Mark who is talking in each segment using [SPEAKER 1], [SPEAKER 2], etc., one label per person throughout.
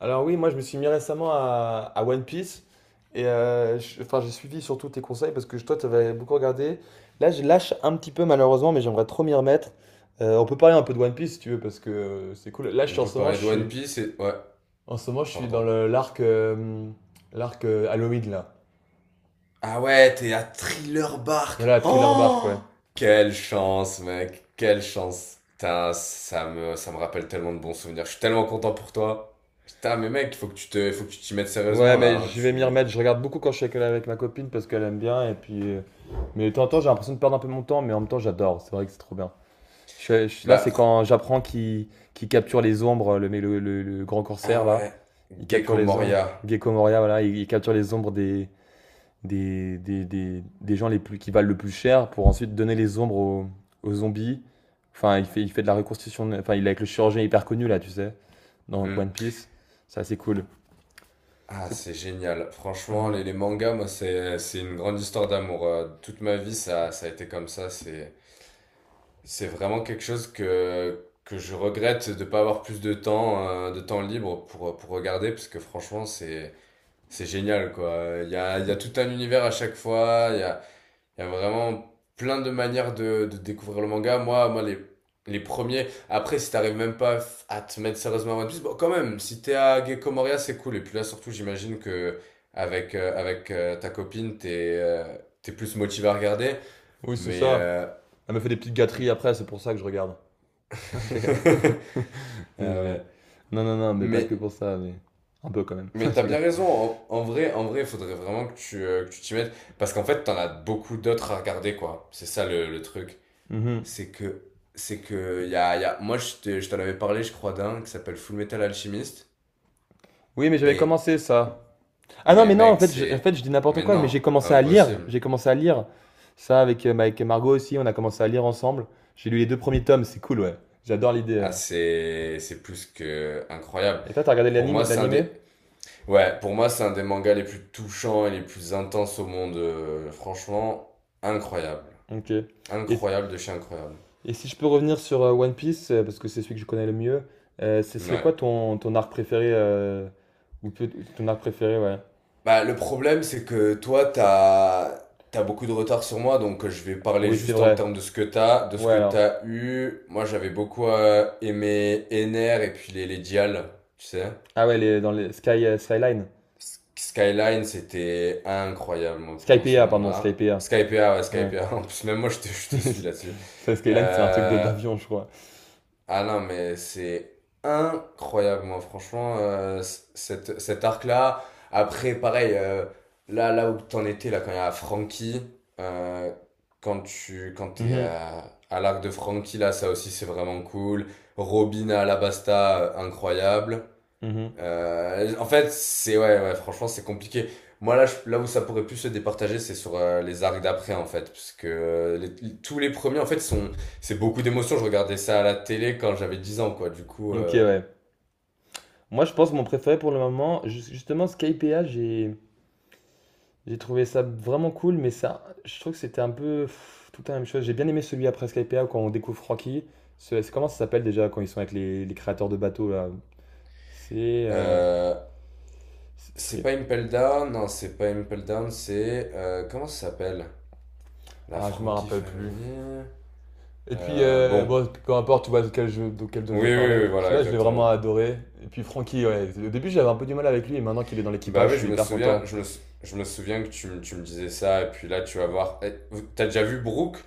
[SPEAKER 1] Alors oui, moi je me suis mis récemment à One Piece et j'ai suivi surtout tes conseils parce que toi tu avais beaucoup regardé. Là je lâche un petit peu malheureusement mais j'aimerais trop m'y remettre. On peut parler un peu de One Piece si tu veux parce que c'est cool. Là je
[SPEAKER 2] On
[SPEAKER 1] suis en
[SPEAKER 2] peut
[SPEAKER 1] ce moment
[SPEAKER 2] parler
[SPEAKER 1] je
[SPEAKER 2] de One
[SPEAKER 1] suis
[SPEAKER 2] Piece Ouais,
[SPEAKER 1] en ce moment je suis dans
[SPEAKER 2] pardon.
[SPEAKER 1] le l'arc Halloween là.
[SPEAKER 2] Ah ouais, t'es à Thriller Bark.
[SPEAKER 1] Voilà, Thriller Bark
[SPEAKER 2] Oh!
[SPEAKER 1] ouais.
[SPEAKER 2] Quelle chance, mec. Quelle chance. Putain, ça me rappelle tellement de bons souvenirs. Je suis tellement content pour toi. Putain, mais mec, il faut que tu t'y mettes
[SPEAKER 1] Ouais
[SPEAKER 2] sérieusement, là,
[SPEAKER 1] mais
[SPEAKER 2] hein.
[SPEAKER 1] je vais m'y
[SPEAKER 2] Tu,
[SPEAKER 1] remettre. Je regarde beaucoup quand je suis avec ma copine parce qu'elle aime bien et puis mais de temps en temps j'ai l'impression de perdre un peu mon temps mais en même temps j'adore. C'est vrai que c'est trop bien. Là,
[SPEAKER 2] bah,
[SPEAKER 1] c'est
[SPEAKER 2] fr-
[SPEAKER 1] quand j'apprends qu'il capture les ombres, le, mais le grand corsaire,
[SPEAKER 2] ah
[SPEAKER 1] là.
[SPEAKER 2] ouais.
[SPEAKER 1] Il capture
[SPEAKER 2] Gecko
[SPEAKER 1] les ombres.
[SPEAKER 2] Moria.
[SPEAKER 1] Gecko Moria, voilà. Il capture les ombres des gens les plus, qui valent le plus cher pour ensuite donner les ombres aux, aux zombies. Enfin, il fait de la reconstitution. Enfin, il est avec le chirurgien hyper connu, là, tu sais, dans
[SPEAKER 2] Hmm.
[SPEAKER 1] One Piece. C'est assez cool.
[SPEAKER 2] Ah,
[SPEAKER 1] C'est
[SPEAKER 2] c'est génial. Franchement,
[SPEAKER 1] Mhm.
[SPEAKER 2] les mangas, moi, c'est une grande histoire d'amour. Toute ma vie, ça a été comme ça. C'est vraiment quelque chose que je regrette de ne pas avoir plus de temps libre pour regarder, parce que franchement, c'est génial, quoi. Il y a tout un univers à chaque fois, il y a vraiment plein de manières de découvrir le manga. Moi, les premiers, après, si t'arrives même pas à te mettre sérieusement à One Piece, bon, quand même, si t'es à Gecko Moria, c'est cool. Et puis là, surtout, j'imagine que avec ta copine, t'es plus motivé à regarder,
[SPEAKER 1] Oui, c'est
[SPEAKER 2] mais...
[SPEAKER 1] ça.
[SPEAKER 2] euh,
[SPEAKER 1] Elle me fait des petites gâteries après, c'est pour ça que je regarde. Je rigole.
[SPEAKER 2] Ah
[SPEAKER 1] Je-
[SPEAKER 2] ouais.
[SPEAKER 1] Non, non, non, mais pas
[SPEAKER 2] Mais,
[SPEAKER 1] que pour ça, mais un peu quand même. Je
[SPEAKER 2] mais t'as
[SPEAKER 1] rigole.
[SPEAKER 2] bien raison. En vrai, il faudrait vraiment que tu t'y mettes. Parce qu'en fait, t'en as beaucoup d'autres à regarder, quoi. C'est ça le, truc.
[SPEAKER 1] Mhm.
[SPEAKER 2] C'est que, y a. Moi, je t'en avais parlé, je crois, d'un qui s'appelle Full Metal Alchemist.
[SPEAKER 1] Oui, mais j'avais
[SPEAKER 2] Et,
[SPEAKER 1] commencé ça. Ah non,
[SPEAKER 2] mais
[SPEAKER 1] mais non, en
[SPEAKER 2] mec,
[SPEAKER 1] fait, en fait, je dis n'importe
[SPEAKER 2] mais
[SPEAKER 1] quoi, mais
[SPEAKER 2] non,
[SPEAKER 1] j'ai commencé à lire.
[SPEAKER 2] impossible.
[SPEAKER 1] J'ai commencé à lire ça avec, avec Margot aussi. On a commencé à lire ensemble. J'ai lu les deux premiers tomes, c'est cool, ouais. J'adore l'idée.
[SPEAKER 2] Ah, c'est plus que incroyable.
[SPEAKER 1] Et toi, t'as regardé
[SPEAKER 2] Pour moi, c'est un des,
[SPEAKER 1] l'animé?
[SPEAKER 2] Ouais, pour moi, c'est un des mangas les plus touchants et les plus intenses au monde. Franchement, incroyable.
[SPEAKER 1] Ok. Et,
[SPEAKER 2] Incroyable de chez incroyable.
[SPEAKER 1] et si je peux revenir sur One Piece, parce que c'est celui que je connais le mieux, ce serait
[SPEAKER 2] Ouais.
[SPEAKER 1] quoi ton arc préféré ou peut- ton arc préféré, ouais.
[SPEAKER 2] Bah, le problème, c'est que toi, t'as beaucoup de retard sur moi, donc je vais parler
[SPEAKER 1] Oui, c'est
[SPEAKER 2] juste en
[SPEAKER 1] vrai.
[SPEAKER 2] termes de ce que t'as, de ce
[SPEAKER 1] Ouais,
[SPEAKER 2] que
[SPEAKER 1] alors.
[SPEAKER 2] t'as eu. Moi, j'avais beaucoup aimé Ener et puis les, Dial, tu sais.
[SPEAKER 1] Ah ouais, les, dans les Sky, Skyline.
[SPEAKER 2] Skyline, c'était incroyable, moi, pour moi, ce
[SPEAKER 1] Skypiea, pardon,
[SPEAKER 2] moment-là.
[SPEAKER 1] Skypiea.
[SPEAKER 2] Skypa, ouais,
[SPEAKER 1] Ouais.
[SPEAKER 2] Skypa. En plus, même moi, je te suis là-dessus.
[SPEAKER 1] Ça, Skyline, c'est un truc de
[SPEAKER 2] Euh,
[SPEAKER 1] d'avion, je crois.
[SPEAKER 2] Ah non, mais c'est incroyable, moi, franchement, cet arc-là. Après, pareil, là où t'en étais, là, quand il y a Frankie, euh, quand tu,
[SPEAKER 1] Mhm,
[SPEAKER 2] à l'arc de Frankie, là, ça aussi, c'est vraiment cool. Robin à Alabasta, incroyable.
[SPEAKER 1] mhm.
[SPEAKER 2] En fait, c'est ouais, ouais, franchement, c'est compliqué. Moi, là où ça pourrait plus se départager, c'est sur les arcs d'après, en fait, parce que tous les premiers, en fait, sont, c'est beaucoup d'émotions. Je regardais ça à la télé quand j'avais 10 ans, quoi. Du coup,
[SPEAKER 1] Ok, ouais. Moi, je pense que mon préféré pour le moment, justement, Skypea, j'ai trouvé ça vraiment cool, mais ça, je trouve que c'était un peu pff, tout le temps la même chose. J'ai bien aimé celui après Skypea quand on découvre Rocky. Comment ça s'appelle déjà quand ils sont avec les créateurs de bateaux là? C'est. euh,
[SPEAKER 2] euh,
[SPEAKER 1] c'est-
[SPEAKER 2] c'est
[SPEAKER 1] c'est-
[SPEAKER 2] pas Impel Down, non, c'est pas Impel Down, c'est comment ça s'appelle? La
[SPEAKER 1] Ah, je me
[SPEAKER 2] Frankie
[SPEAKER 1] rappelle plus.
[SPEAKER 2] Family.
[SPEAKER 1] Et puis,
[SPEAKER 2] Bon,
[SPEAKER 1] bon, peu importe, tu vois de quel jeu
[SPEAKER 2] oui,
[SPEAKER 1] je
[SPEAKER 2] oui,
[SPEAKER 1] parlais.
[SPEAKER 2] oui, oui, voilà,
[SPEAKER 1] Celui-là, je l'ai vraiment
[SPEAKER 2] exactement.
[SPEAKER 1] adoré. Et puis, Francky, ouais. Au début, j'avais un peu du mal avec lui, et maintenant qu'il est dans
[SPEAKER 2] Bah
[SPEAKER 1] l'équipage, je
[SPEAKER 2] oui, je
[SPEAKER 1] suis
[SPEAKER 2] me
[SPEAKER 1] hyper
[SPEAKER 2] souviens,
[SPEAKER 1] content.
[SPEAKER 2] je me souviens que tu me disais ça, et puis là, tu vas voir. T'as déjà vu Brooke?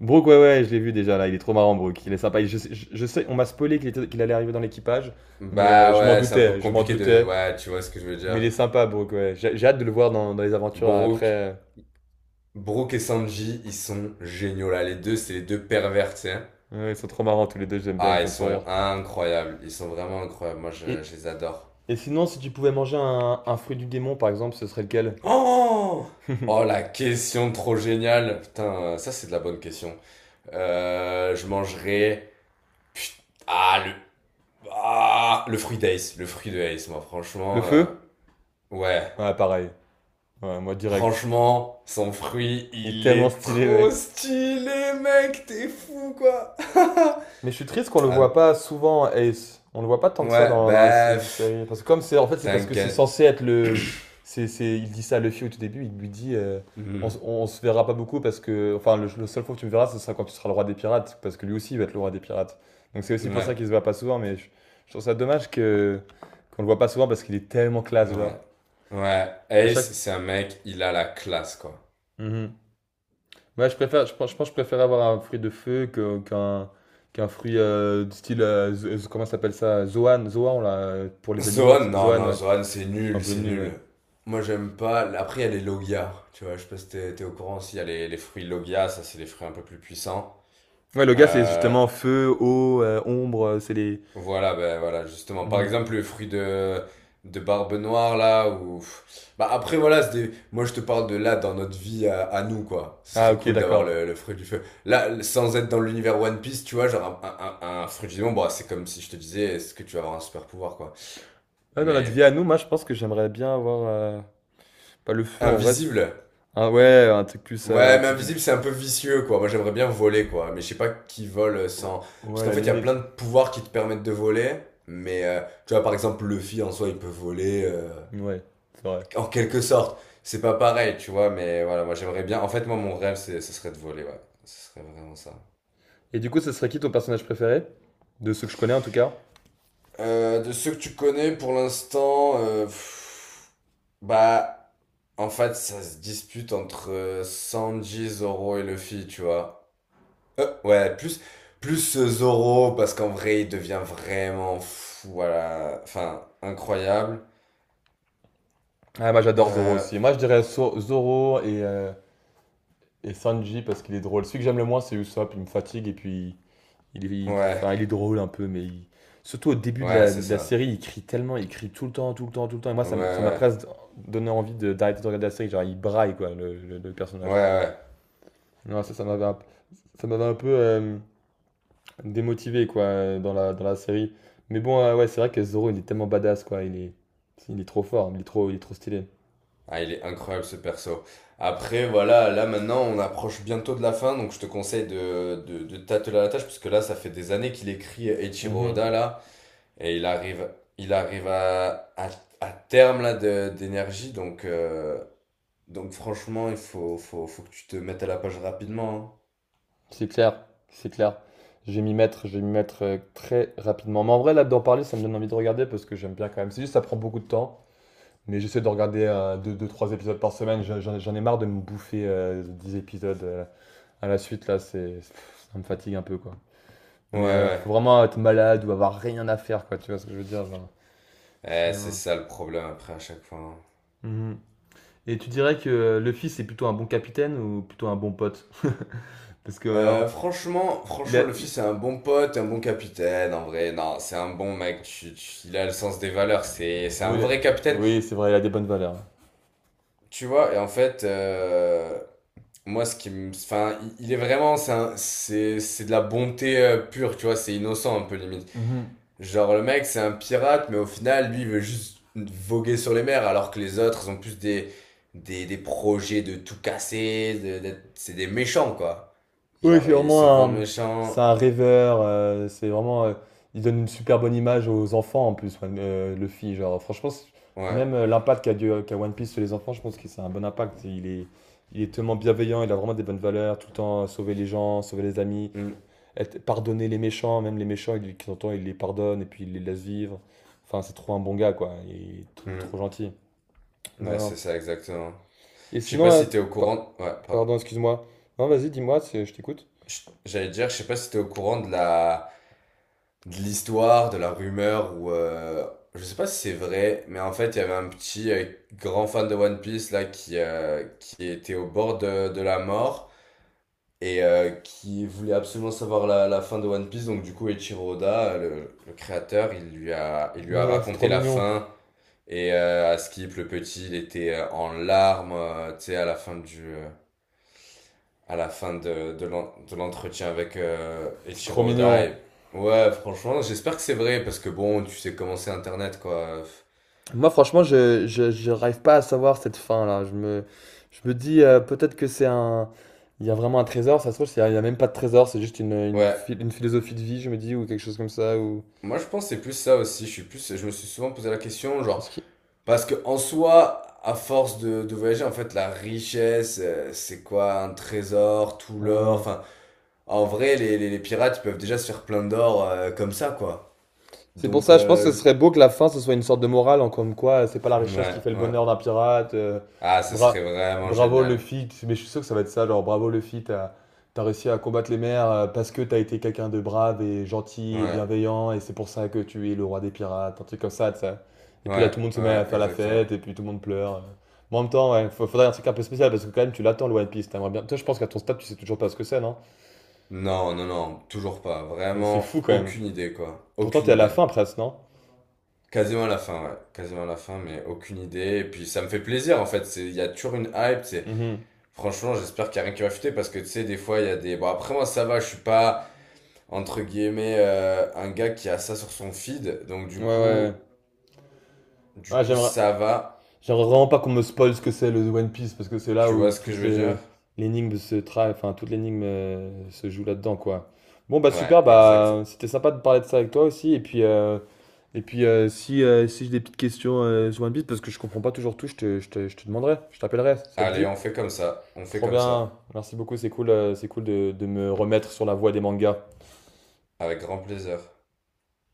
[SPEAKER 1] Brooke, ouais, je l'ai vu déjà, là. Il est trop marrant, Brooke. Il est sympa. Je sais, on m'a spoilé qu'il allait arriver dans l'équipage, mais
[SPEAKER 2] Bah
[SPEAKER 1] je m'en
[SPEAKER 2] ouais, c'est un peu
[SPEAKER 1] je m'en
[SPEAKER 2] compliqué de.
[SPEAKER 1] doutais.
[SPEAKER 2] Ouais, tu vois ce que je veux
[SPEAKER 1] Mais il
[SPEAKER 2] dire.
[SPEAKER 1] est sympa, Brooke, ouais. J'ai hâte de le voir dans les aventures
[SPEAKER 2] Brooke,
[SPEAKER 1] après.
[SPEAKER 2] Brooke, et Sanji, ils sont géniaux là. Les deux, c'est les deux pervers, tu sais.
[SPEAKER 1] Ouais, ils sont trop marrants, tous les deux, j'aime bien, ils me
[SPEAKER 2] Ah, ils
[SPEAKER 1] font trop rire.
[SPEAKER 2] sont incroyables. Ils sont vraiment incroyables. Moi, je,
[SPEAKER 1] Et,
[SPEAKER 2] je les adore.
[SPEAKER 1] et sinon, si tu pouvais manger un fruit du démon, par exemple, ce serait lequel?
[SPEAKER 2] Oh! Oh, la question trop géniale. Putain, ça, c'est de la bonne question. Je mangerai. Ah, Ah, le fruit d'Ace. Le fruit de Ace, moi,
[SPEAKER 1] Le
[SPEAKER 2] franchement.
[SPEAKER 1] feu?
[SPEAKER 2] Ouais.
[SPEAKER 1] Ouais, pareil. Ouais, moi, direct.
[SPEAKER 2] Franchement, son fruit,
[SPEAKER 1] Il est
[SPEAKER 2] il
[SPEAKER 1] tellement
[SPEAKER 2] est
[SPEAKER 1] stylé, mec.
[SPEAKER 2] trop stylé, mec, t'es fou, quoi.
[SPEAKER 1] Mais je suis triste qu'on le voit
[SPEAKER 2] Ah,
[SPEAKER 1] pas souvent, Ace. On le voit pas tant que ça
[SPEAKER 2] ouais,
[SPEAKER 1] dans la
[SPEAKER 2] bah, pff,
[SPEAKER 1] série. Parce que comme c'est, en fait, c'est parce que c'est
[SPEAKER 2] t'inquiète.
[SPEAKER 1] censé être il dit ça à Luffy au tout début. Il lui dit,
[SPEAKER 2] Hmm,
[SPEAKER 1] on se verra pas beaucoup parce que, enfin, le seul fois que tu me verras, ce sera quand tu seras le roi des pirates, parce que lui aussi il va être le roi des pirates. Donc c'est aussi pour ça
[SPEAKER 2] Ouais,
[SPEAKER 1] qu'il se voit pas souvent. Je trouve ça dommage que qu'on le voit pas souvent parce qu'il est tellement classe,
[SPEAKER 2] ouais,
[SPEAKER 1] genre.
[SPEAKER 2] ouais.
[SPEAKER 1] À chaque.
[SPEAKER 2] Ace, c'est un mec, il a la classe, quoi.
[SPEAKER 1] Mhm. Ouais, je pense que je préfère avoir un fruit de feu qu'un fruit du style, comment ça s'appelle ça? Zoan là, pour les animaux. Tu sais.
[SPEAKER 2] Zoan, non,
[SPEAKER 1] Zoan,
[SPEAKER 2] non,
[SPEAKER 1] ouais.
[SPEAKER 2] Zoan, c'est
[SPEAKER 1] C'est un
[SPEAKER 2] nul,
[SPEAKER 1] peu
[SPEAKER 2] c'est
[SPEAKER 1] nul, ouais.
[SPEAKER 2] nul. Moi, j'aime pas. Après, il y a les Logia, tu vois, je sais pas si t'es au courant, s'il y a les, fruits Logia, ça, c'est des fruits un peu plus puissants.
[SPEAKER 1] Ouais, le gars, c'est
[SPEAKER 2] Euh,
[SPEAKER 1] justement feu, eau, ombre, c'est les...
[SPEAKER 2] Voilà, ben voilà, justement. Par
[SPEAKER 1] Mhm.
[SPEAKER 2] exemple, le fruit de Barbe Noire, là, Bah après, voilà, moi je te parle de là, dans notre vie à nous, quoi. Ce
[SPEAKER 1] Ah,
[SPEAKER 2] serait
[SPEAKER 1] ok,
[SPEAKER 2] cool d'avoir
[SPEAKER 1] d'accord.
[SPEAKER 2] le fruit du feu. Là, sans être dans l'univers One Piece, tu vois, genre un fruit du démon, bon, c'est comme si je te disais, est-ce que tu vas avoir un super pouvoir, quoi.
[SPEAKER 1] Ouais, dans notre vie
[SPEAKER 2] Mais
[SPEAKER 1] à nous, moi, je pense que j'aimerais bien avoir... pas le feu, en vrai.
[SPEAKER 2] invisible.
[SPEAKER 1] Ah ouais, un truc plus...
[SPEAKER 2] Ouais, mais invisible, c'est un peu vicieux, quoi. Moi, j'aimerais bien voler, quoi. Mais je sais pas qui vole
[SPEAKER 1] Oh,
[SPEAKER 2] sans. Parce
[SPEAKER 1] ouais, à
[SPEAKER 2] qu'en
[SPEAKER 1] la
[SPEAKER 2] fait, il y a plein
[SPEAKER 1] limite.
[SPEAKER 2] de pouvoirs qui te permettent de voler. Mais, tu vois, par exemple, Luffy, en soi, il peut voler.
[SPEAKER 1] Ouais, c'est vrai.
[SPEAKER 2] En quelque sorte, c'est pas pareil, tu vois, mais voilà, moi j'aimerais bien. En fait, moi, mon rêve, ce serait de voler, ouais. Ce serait vraiment ça.
[SPEAKER 1] Et du coup, ce serait qui ton personnage préféré? De ceux que je connais, en tout cas.
[SPEAKER 2] De ceux que tu connais pour l'instant, bah, en fait, ça se dispute entre Sanji, Zoro et Luffy, tu vois. Ouais, plus Zoro, parce qu'en vrai, il devient vraiment fou, voilà. Enfin, incroyable.
[SPEAKER 1] Ah, moi j'adore Zoro
[SPEAKER 2] Euh,
[SPEAKER 1] aussi. Moi je dirais Zoro et Sanji parce qu'il est drôle. Celui que j'aime le moins c'est Usopp, il me fatigue et puis il, est- il-
[SPEAKER 2] ouais,
[SPEAKER 1] enfin, il est drôle un peu, surtout au début de
[SPEAKER 2] ouais, c'est
[SPEAKER 1] de la
[SPEAKER 2] ça.
[SPEAKER 1] série, il crie tellement, il crie tout le temps, tout le temps, tout le temps. Et moi
[SPEAKER 2] Ouais,
[SPEAKER 1] ça m'a
[SPEAKER 2] ouais,
[SPEAKER 1] presque donné envie d'arrêter de regarder la série. Genre il braille quoi, le
[SPEAKER 2] ouais,
[SPEAKER 1] personnage.
[SPEAKER 2] ouais.
[SPEAKER 1] Non, Ça m'avait ça m'avait un peu démotivé quoi dans dans la série. Mais bon, ouais, c'est vrai que Zoro il est tellement badass quoi, il est trop fort, il est trop stylé.
[SPEAKER 2] Ah, il est incroyable ce perso. Après, voilà, là maintenant on approche bientôt de la fin, donc je te conseille de t'atteler à la tâche, parce que là ça fait des années qu'il écrit Eiichiro
[SPEAKER 1] Mhm.
[SPEAKER 2] Oda, là, et il arrive à, à, terme d'énergie, donc franchement il faut que tu te mettes à la page rapidement.
[SPEAKER 1] C'est clair, c'est clair. Je vais m'y mettre très rapidement. Mais en vrai, là, d'en parler, ça me donne envie de regarder parce que j'aime bien quand même. C'est juste, ça prend beaucoup de temps. Mais j'essaie de regarder euh, deux, trois épisodes par semaine. J'en ai marre de me bouffer 10 épisodes à la suite, là. C'est, pff, ça me fatigue un peu, quoi.
[SPEAKER 2] Hein. Ouais,
[SPEAKER 1] Mais faut
[SPEAKER 2] ouais.
[SPEAKER 1] vraiment être malade ou avoir rien à faire, quoi. Tu vois ce que je veux dire, genre.
[SPEAKER 2] C'est
[SPEAKER 1] Sinon.
[SPEAKER 2] ça le problème après à chaque fois, hein.
[SPEAKER 1] Mhm. Et tu dirais que le fils est plutôt un bon capitaine ou plutôt un bon pote? Parce que
[SPEAKER 2] Franchement,
[SPEAKER 1] il a.
[SPEAKER 2] franchement, Luffy,
[SPEAKER 1] il-
[SPEAKER 2] c'est un bon pote, un bon capitaine, en vrai. Non, c'est un bon mec. Il a le sens des valeurs. C'est
[SPEAKER 1] Oui,
[SPEAKER 2] un vrai capitaine.
[SPEAKER 1] c'est vrai, il a des bonnes valeurs.
[SPEAKER 2] Tu vois, et en fait, moi, enfin, il est vraiment, c'est de la bonté pure, tu vois. C'est innocent, un peu limite.
[SPEAKER 1] Mhm.
[SPEAKER 2] Genre, le mec, c'est un pirate, mais au final, lui, il veut juste voguer sur les mers, alors que les autres, ils ont plus des projets de tout casser, c'est des méchants, quoi.
[SPEAKER 1] Oui,
[SPEAKER 2] Genre, ils se vendent
[SPEAKER 1] c'est
[SPEAKER 2] méchants.
[SPEAKER 1] un rêveur. Il donne une super bonne image aux enfants en plus, Luffy. Genre, franchement,
[SPEAKER 2] Ouais.
[SPEAKER 1] même qu'a One Piece sur les enfants, je pense que c'est un bon impact. Il est tellement bienveillant, il a vraiment des bonnes valeurs, tout le temps sauver les gens, sauver les amis,
[SPEAKER 2] Mm.
[SPEAKER 1] pardonner les méchants, même les méchants, il, de temps en temps, il les pardonne et puis il les laisse vivre. Enfin, c'est trop un bon gars, quoi. Il est
[SPEAKER 2] Mhm.
[SPEAKER 1] trop gentil. Non,
[SPEAKER 2] Ouais, c'est
[SPEAKER 1] non.
[SPEAKER 2] ça, exactement.
[SPEAKER 1] Et
[SPEAKER 2] Je sais
[SPEAKER 1] sinon,
[SPEAKER 2] pas si t'es au
[SPEAKER 1] pa-
[SPEAKER 2] courant. Ouais, pardon.
[SPEAKER 1] pardon, excuse-moi. Non, vas-y, dis-moi, je t'écoute.
[SPEAKER 2] J'allais dire, je sais pas si t'es au courant de la de l'histoire, de la rumeur ou je sais pas si c'est vrai, mais en fait, il y avait un petit grand fan de One Piece là qui était au bord de la mort et qui voulait absolument savoir la fin de One Piece. Donc du coup, Eiichiro Oda, le créateur, il lui a il lui
[SPEAKER 1] Mais
[SPEAKER 2] a
[SPEAKER 1] non, c'est
[SPEAKER 2] raconté
[SPEAKER 1] trop
[SPEAKER 2] la
[SPEAKER 1] mignon.
[SPEAKER 2] fin et à Skip le petit, il était en larmes, tu sais, à la fin du à la fin de l'entretien avec
[SPEAKER 1] C'est trop
[SPEAKER 2] Eiichiro Oda.
[SPEAKER 1] mignon.
[SPEAKER 2] Et. Ouais, franchement, j'espère que c'est vrai, parce que bon, tu sais comment c'est Internet, quoi.
[SPEAKER 1] Moi, franchement, je n'arrive pas à savoir cette fin-là. Je me dis peut-être que c'est un. Il y a vraiment un trésor, ça se trouve, il y a même pas de trésor, c'est juste
[SPEAKER 2] Ouais,
[SPEAKER 1] une philosophie de vie, je me dis, ou quelque chose comme ça, ou.
[SPEAKER 2] moi je pense que c'est plus ça aussi. Je me suis souvent posé la question, genre,
[SPEAKER 1] Est-ce
[SPEAKER 2] parce que en soi, à force de voyager, en fait, la richesse, c'est quoi? Un trésor, tout l'or,
[SPEAKER 1] Hmm.
[SPEAKER 2] enfin, en vrai, les, les pirates, ils peuvent déjà se faire plein d'or comme ça, quoi.
[SPEAKER 1] C'est pour
[SPEAKER 2] Donc,
[SPEAKER 1] ça, je pense que ce serait beau que la fin, ce soit une sorte de morale, en comme quoi, c'est pas la richesse qui
[SPEAKER 2] ouais,
[SPEAKER 1] fait le
[SPEAKER 2] ouais.
[SPEAKER 1] bonheur d'un pirate.
[SPEAKER 2] Ah, ce
[SPEAKER 1] Bra-
[SPEAKER 2] serait vraiment
[SPEAKER 1] Bravo
[SPEAKER 2] génial.
[SPEAKER 1] Luffy, mais je suis sûr que ça va être ça, genre bravo Luffy, t'as réussi à combattre les mers parce que t'as été quelqu'un de brave et gentil et
[SPEAKER 2] Ouais,
[SPEAKER 1] bienveillant, et c'est pour ça que tu es le roi des pirates, un truc comme ça, tu sais. Et puis là,
[SPEAKER 2] ouais,
[SPEAKER 1] tout le monde se met à
[SPEAKER 2] ouais,
[SPEAKER 1] faire la
[SPEAKER 2] exactement.
[SPEAKER 1] fête, et puis tout le monde pleure. Mais en même temps, ouais, faudrait un truc un peu spécial, parce que quand même, tu l'attends, le One Piece, t'aimerais bien. Toi, je pense qu'à ton stade, tu sais toujours pas ce que c'est, non?
[SPEAKER 2] Non, non, non, toujours pas.
[SPEAKER 1] C'est
[SPEAKER 2] Vraiment,
[SPEAKER 1] fou quand même.
[SPEAKER 2] aucune idée, quoi.
[SPEAKER 1] Pourtant,
[SPEAKER 2] Aucune
[SPEAKER 1] t'es à la
[SPEAKER 2] idée.
[SPEAKER 1] fin presque, non?
[SPEAKER 2] Quasiment à la fin, ouais. Quasiment à la fin, mais aucune idée. Et puis, ça me fait plaisir, en fait. Il y a toujours une hype,
[SPEAKER 1] Mhm.
[SPEAKER 2] Franchement, j'espère qu'il y a rien qui va fuiter, parce que, tu sais, des fois, il y a des. Bon, après, moi, ça va, je suis pas, entre guillemets, un gars qui a ça sur son feed. Donc,
[SPEAKER 1] Ouais, ouais. Ouais,
[SPEAKER 2] du
[SPEAKER 1] ouais,
[SPEAKER 2] coup,
[SPEAKER 1] j'aimerais.
[SPEAKER 2] ça va.
[SPEAKER 1] J'aimerais vraiment pas qu'on me spoil ce que c'est le One Piece parce que c'est là
[SPEAKER 2] Tu
[SPEAKER 1] où
[SPEAKER 2] vois ce que je
[SPEAKER 1] toutes
[SPEAKER 2] veux
[SPEAKER 1] les
[SPEAKER 2] dire?
[SPEAKER 1] enfin toute l'énigme se joue là-dedans quoi. Bon bah super
[SPEAKER 2] Ouais, exact.
[SPEAKER 1] bah c'était sympa de parler de ça avec toi aussi et puis si si j'ai des petites questions sur One Piece parce que je comprends pas toujours tout, je te demanderai, je t'appellerai, ça te
[SPEAKER 2] Allez,
[SPEAKER 1] dit?
[SPEAKER 2] on fait comme ça. On fait
[SPEAKER 1] Trop
[SPEAKER 2] comme
[SPEAKER 1] bien,
[SPEAKER 2] ça.
[SPEAKER 1] merci beaucoup, c'est cool de me remettre sur la voie des mangas.
[SPEAKER 2] Avec grand plaisir.